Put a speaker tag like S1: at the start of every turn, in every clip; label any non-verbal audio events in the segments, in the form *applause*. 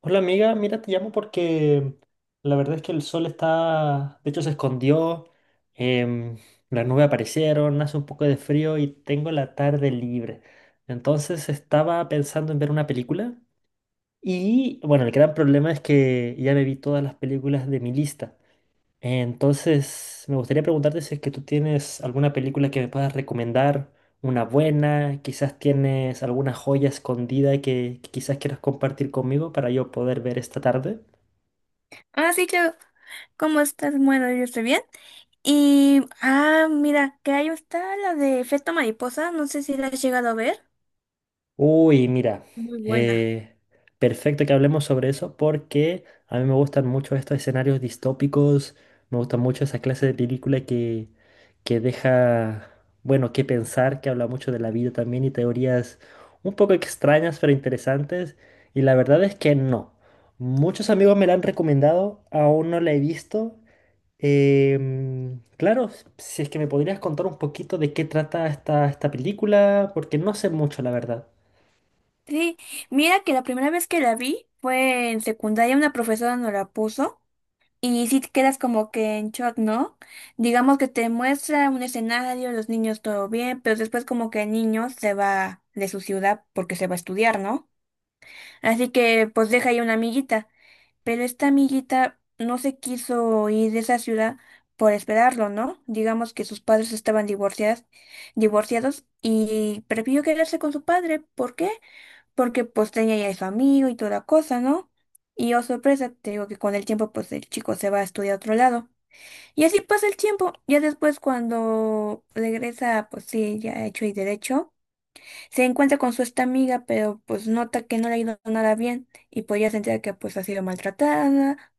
S1: Hola amiga, mira, te llamo porque la verdad es que el sol está, de hecho se escondió, em, las nubes aparecieron, hace un poco de frío y tengo la tarde libre. Entonces estaba pensando en ver una película y bueno, el gran problema es que ya me vi todas las películas de mi lista. Entonces, me gustaría preguntarte si es que tú tienes alguna película que me puedas recomendar, una buena, quizás tienes alguna joya escondida que quizás quieras compartir conmigo para yo poder ver esta tarde.
S2: Sí, claro. ¿Cómo estás? Bueno, yo estoy bien. Mira, que ahí está la de Efecto Mariposa. No sé si la has llegado a ver.
S1: Uy, mira,
S2: Muy buena.
S1: eh, perfecto que hablemos sobre eso porque a mí me gustan mucho estos escenarios distópicos, me gustan mucho esa clase de película que deja, bueno, que pensar, que habla mucho de la vida también y teorías un poco extrañas pero interesantes. Y la verdad es que no. Muchos amigos me la han recomendado, aún no la he visto. Claro, si es que me podrías contar un poquito de qué trata esta película, porque no sé mucho, la verdad.
S2: Sí, mira que la primera vez que la vi fue en secundaria, una profesora nos la puso. Y sí te quedas como que en shock, ¿no? Digamos que te muestra un escenario, los niños todo bien, pero después como que el niño se va de su ciudad porque se va a estudiar, ¿no? Así que pues deja ahí una amiguita. Pero esta amiguita no se quiso ir de esa ciudad por esperarlo, ¿no? Digamos que sus padres estaban divorciados y prefirió quedarse con su padre. ¿Por qué? Porque pues tenía ya a su amigo y toda cosa, ¿no? Y oh sorpresa, te digo que con el tiempo pues el chico se va a estudiar a otro lado. Y así pasa el tiempo. Ya después cuando regresa, pues sí, ya hecho y derecho. Se encuentra con su esta amiga, pero pues nota que no le ha ido nada bien y pues ya se entera que pues ha sido maltratada,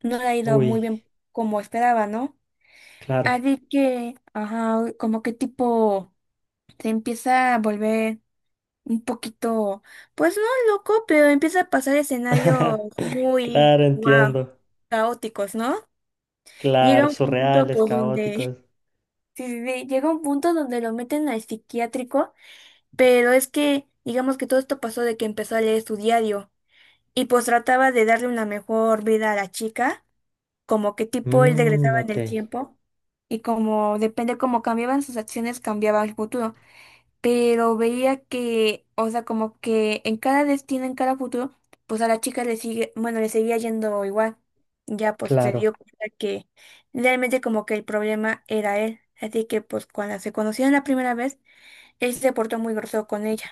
S2: no le ha ido muy
S1: Uy,
S2: bien como esperaba, ¿no?
S1: claro.
S2: Así que, ajá, como que tipo se empieza a volver un poquito, pues no loco, pero empieza a pasar escenarios
S1: *laughs*
S2: muy,
S1: Claro,
S2: wow,
S1: entiendo.
S2: caóticos, ¿no? Llega
S1: Claro,
S2: un punto
S1: surreales,
S2: pues donde, *laughs*
S1: caóticos.
S2: sí, sí, sí, llega un punto donde lo meten al psiquiátrico, pero es que, digamos que todo esto pasó de que empezó a leer su diario. Y pues trataba de darle una mejor vida a la chica, como que tipo él
S1: Mm,
S2: regresaba en
S1: ok,
S2: el tiempo y como depende cómo cambiaban sus acciones cambiaba el futuro, pero veía que, o sea, como que en cada destino, en cada futuro, pues a la chica le sigue, bueno, le seguía yendo igual. Ya pues se dio
S1: claro,
S2: cuenta que realmente como que el problema era él, así que pues cuando se conocieron la primera vez, él se portó muy grosero con ella,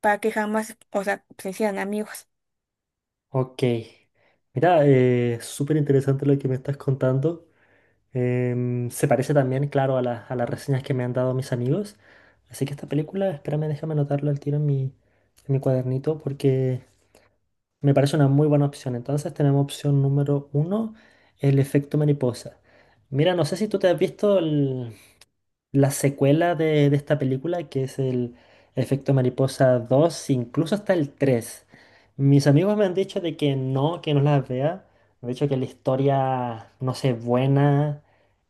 S2: para que jamás, o sea, se hicieran amigos.
S1: ok. Mira, súper interesante lo que me estás contando. Se parece también, claro, a, a las reseñas que me han dado mis amigos. Así que esta película, espérame, déjame anotarlo al tiro en mi cuadernito porque me parece una muy buena opción. Entonces tenemos opción número uno, el efecto mariposa. Mira, no sé si tú te has visto la secuela de esta película, que es el Efecto Mariposa dos, incluso hasta el tres. Mis amigos me han dicho de que no las vea. Me han dicho que la historia no sé, buena,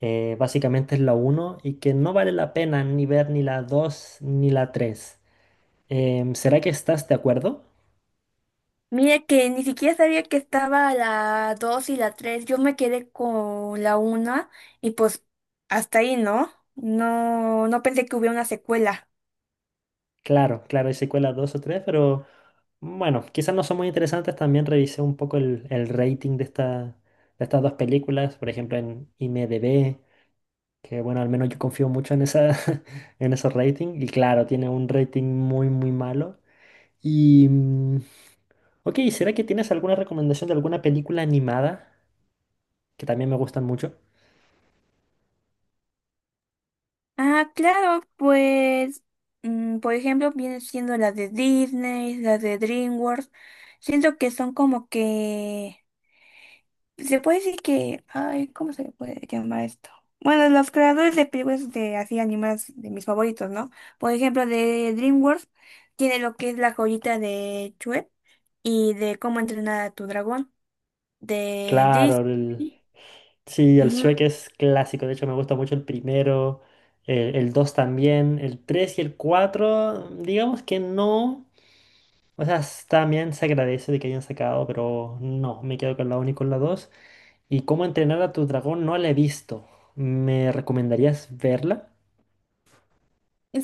S1: básicamente es la uno y que no vale la pena ni ver ni la 2 ni la tres. ¿Será que estás de acuerdo?
S2: Mira que ni siquiera sabía que estaba la 2 y la 3. Yo me quedé con la una y pues hasta ahí, ¿no? No pensé que hubiera una secuela.
S1: Claro, claro, hay secuelas 2 o 3, pero bueno, quizás no son muy interesantes. También revisé un poco el rating de, esta, de estas dos películas, por ejemplo en IMDb, que bueno, al menos yo confío mucho en esa, *laughs* en esos ratings. Y claro, tiene un rating muy, muy malo. Y, ok, ¿será que tienes alguna recomendación de alguna película animada? Que también me gustan mucho.
S2: Ah, claro, pues, mm, por ejemplo, viene siendo la de Disney, la de DreamWorks. Siento que son como que. Se puede decir que, ay, ¿cómo se le puede llamar esto? Bueno, los creadores de películas de así animadas de mis favoritos, ¿no? Por ejemplo, de DreamWorks tiene lo que es la joyita de Chue y de cómo entrenar a tu dragón de
S1: Claro,
S2: Disney.
S1: sí, el
S2: Ujú.
S1: Shrek es clásico, de hecho me gusta mucho el primero, el 2 también, el 3 y el 4. Digamos que no, o sea, también se agradece de que hayan sacado, pero no, me quedo con la uno y con la 2. Y cómo entrenar a tu dragón no la he visto, ¿me recomendarías verla?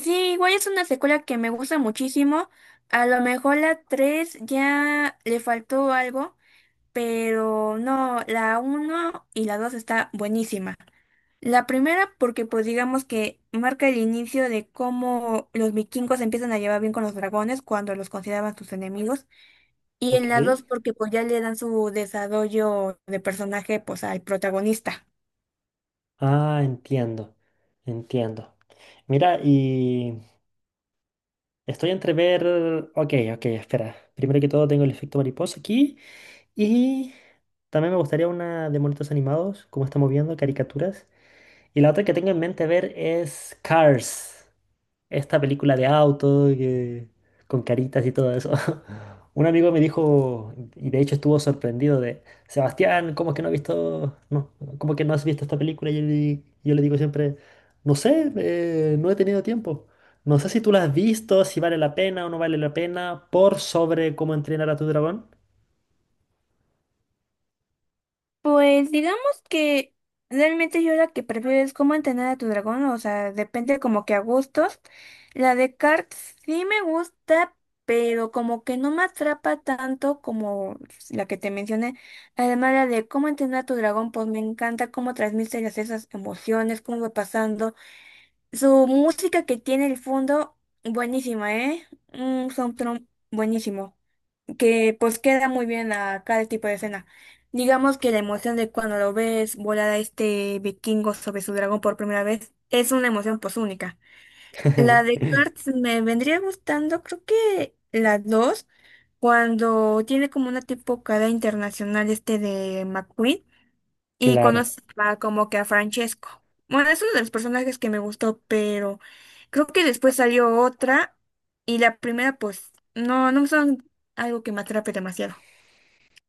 S2: Sí, igual es una secuela que me gusta muchísimo. A lo mejor la 3 ya le faltó algo, pero no, la uno y la 2 está buenísima. La primera porque pues digamos que marca el inicio de cómo los vikingos se empiezan a llevar bien con los dragones cuando los consideraban sus enemigos. Y
S1: Ok,
S2: en la dos porque pues ya le dan su desarrollo de personaje pues al protagonista.
S1: ah, entiendo, entiendo. Mira, y estoy entre ver, ok, ok, espera, primero que todo tengo el efecto mariposa aquí. Y también me gustaría una de monitos animados, como estamos viendo, caricaturas. Y la otra que tengo en mente ver es Cars, esta película de auto que- con caritas y todo eso. *laughs* Un amigo me dijo, y de hecho estuvo sorprendido de, Sebastián, ¿cómo es que no has visto, no, cómo que no has visto esta película? Y, él- yo le digo siempre, no sé, no he tenido tiempo. No sé si tú la has visto, si vale la pena o no vale la pena, por sobre cómo entrenar a tu dragón.
S2: Pues digamos que realmente yo la que prefiero es cómo entrenar a tu dragón, o sea, depende como que a gustos. La de Cart sí me gusta, pero como que no me atrapa tanto como la que te mencioné. Además, la de cómo entrenar a tu dragón, pues me encanta cómo transmite las- esas emociones, cómo va pasando. Su música que tiene el fondo, buenísima, ¿eh? Un soundtrack buenísimo que pues queda muy bien a cada tipo de escena. Digamos que la emoción de cuando lo ves volar a este vikingo sobre su dragón por primera vez es una emoción pues única. La de
S1: *laughs*
S2: Cars me vendría gustando, creo que las dos, cuando tiene como una tipo cara internacional este de McQueen y
S1: Claro,
S2: conoce a- como que a Francesco. Bueno, es uno de los personajes que me gustó, pero creo que después salió otra y la primera pues no son algo que me atrape demasiado.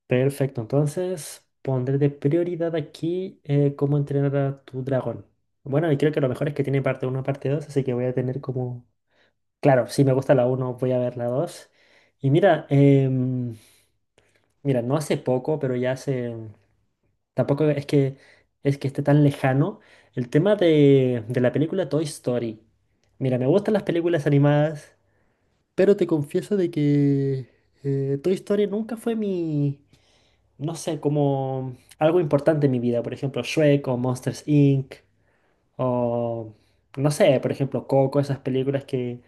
S1: perfecto. Entonces pondré de prioridad aquí cómo entrenar a tu dragón. Bueno, y creo que lo mejor es que tiene parte 1, parte 2, así que voy a tener como... Claro, si me gusta la uno, voy a ver la 2. Y mira, mira, no hace poco, pero ya hace... Tampoco es que, es que esté tan lejano. El tema de la película Toy Story. Mira, me gustan las películas animadas, pero te confieso de que Toy Story nunca fue mi... no sé, como algo importante en mi vida, por ejemplo, Shrek o Monsters Inc. o no sé, por ejemplo, Coco, esas películas que,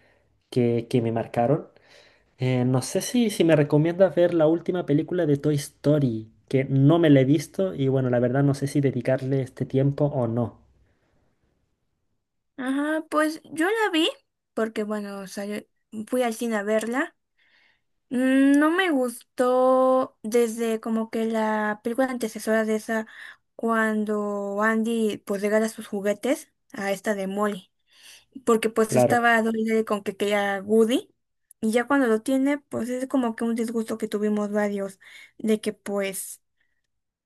S1: que, que me marcaron. No sé si, si me recomiendas ver la última película de Toy Story, que no me la he visto y bueno, la verdad no sé si dedicarle este tiempo o no.
S2: Ajá, pues yo la vi porque, bueno, salió- fui al cine a verla. Mm, no me gustó desde como que la película antecesora de esa, cuando Andy pues regala sus juguetes a esta de Molly, porque pues
S1: Claro,
S2: estaba dolida con que quería Woody. Y ya cuando lo tiene, pues es como que un disgusto que tuvimos varios, de que pues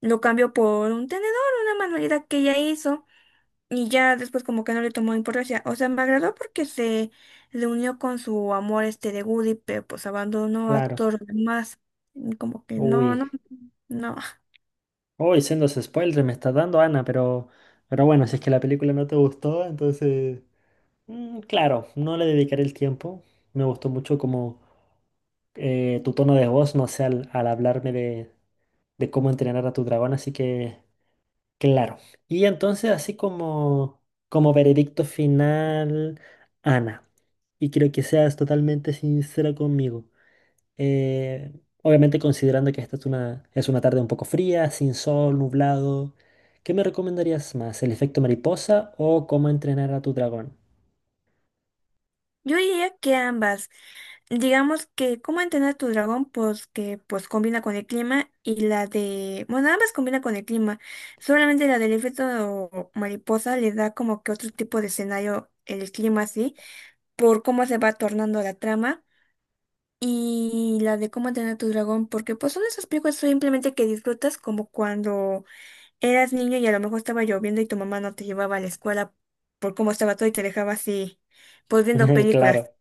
S2: lo cambió por un tenedor, una manualidad que ella hizo. Y ya después como que no le tomó importancia. O sea, me agradó porque se le unió con su amor este de Woody, pero pues abandonó a
S1: claro.
S2: todos los demás. Y como que no,
S1: Uy,
S2: no, no.
S1: uy, siendo ese spoiler me está dando Ana, pero bueno, si es que la película no te gustó, entonces... Mm, claro, no le dedicaré el tiempo. Me gustó mucho como tu tono de voz, no sé, al, al hablarme de cómo entrenar a tu dragón, así que claro. Y entonces, así como, como veredicto final, Ana, y quiero que seas totalmente sincera conmigo. eh, obviamente considerando que esta es una tarde un poco fría, sin sol, nublado, ¿qué me recomendarías más, el efecto mariposa o cómo entrenar a tu dragón?
S2: Yo diría que ambas. Digamos que cómo entrenar a tu dragón, pues que pues combina con el clima y la de... Bueno, ambas combina con el clima. Solamente la del efecto mariposa le da como que otro tipo de escenario el clima así, por cómo se va tornando la trama. Y la de cómo entrenar a tu dragón, porque pues son esas películas simplemente que disfrutas como cuando eras niño y a lo mejor estaba lloviendo y tu mamá no te llevaba a la escuela por cómo estaba todo y te dejaba así, pues viendo
S1: *laughs*
S2: películas.
S1: Claro.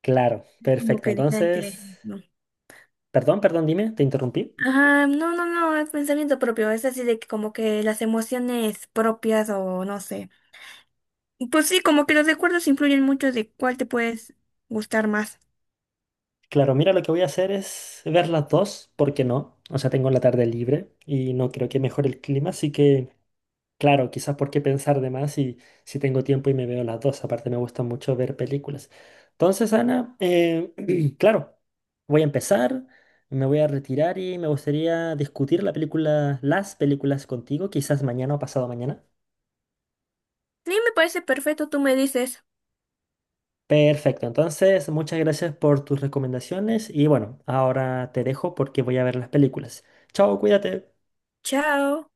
S1: Claro,
S2: Es como
S1: perfecto.
S2: que diferente,
S1: Entonces,
S2: ¿no?
S1: perdón, perdón, dime, te interrumpí.
S2: Ajá, no, no, no, es pensamiento propio, es así de que como que las emociones propias o no sé. Pues sí, como que los recuerdos influyen mucho de cuál te puedes gustar más.
S1: Claro, mira, lo que voy a hacer es ver las dos, ¿por qué no? O sea, tengo la tarde libre y no creo que mejore el clima, así que, claro, quizás por qué pensar de más si, si tengo tiempo y me veo las dos. Aparte, me gusta mucho ver películas. Entonces, Ana, *clears throat* claro, voy a empezar, me voy a retirar y me gustaría discutir la película, las películas contigo, quizás mañana o pasado mañana.
S2: Sí, me parece perfecto, tú me dices,
S1: Perfecto, entonces muchas gracias por tus recomendaciones y bueno, ahora te dejo porque voy a ver las películas. Chao, cuídate.
S2: chao.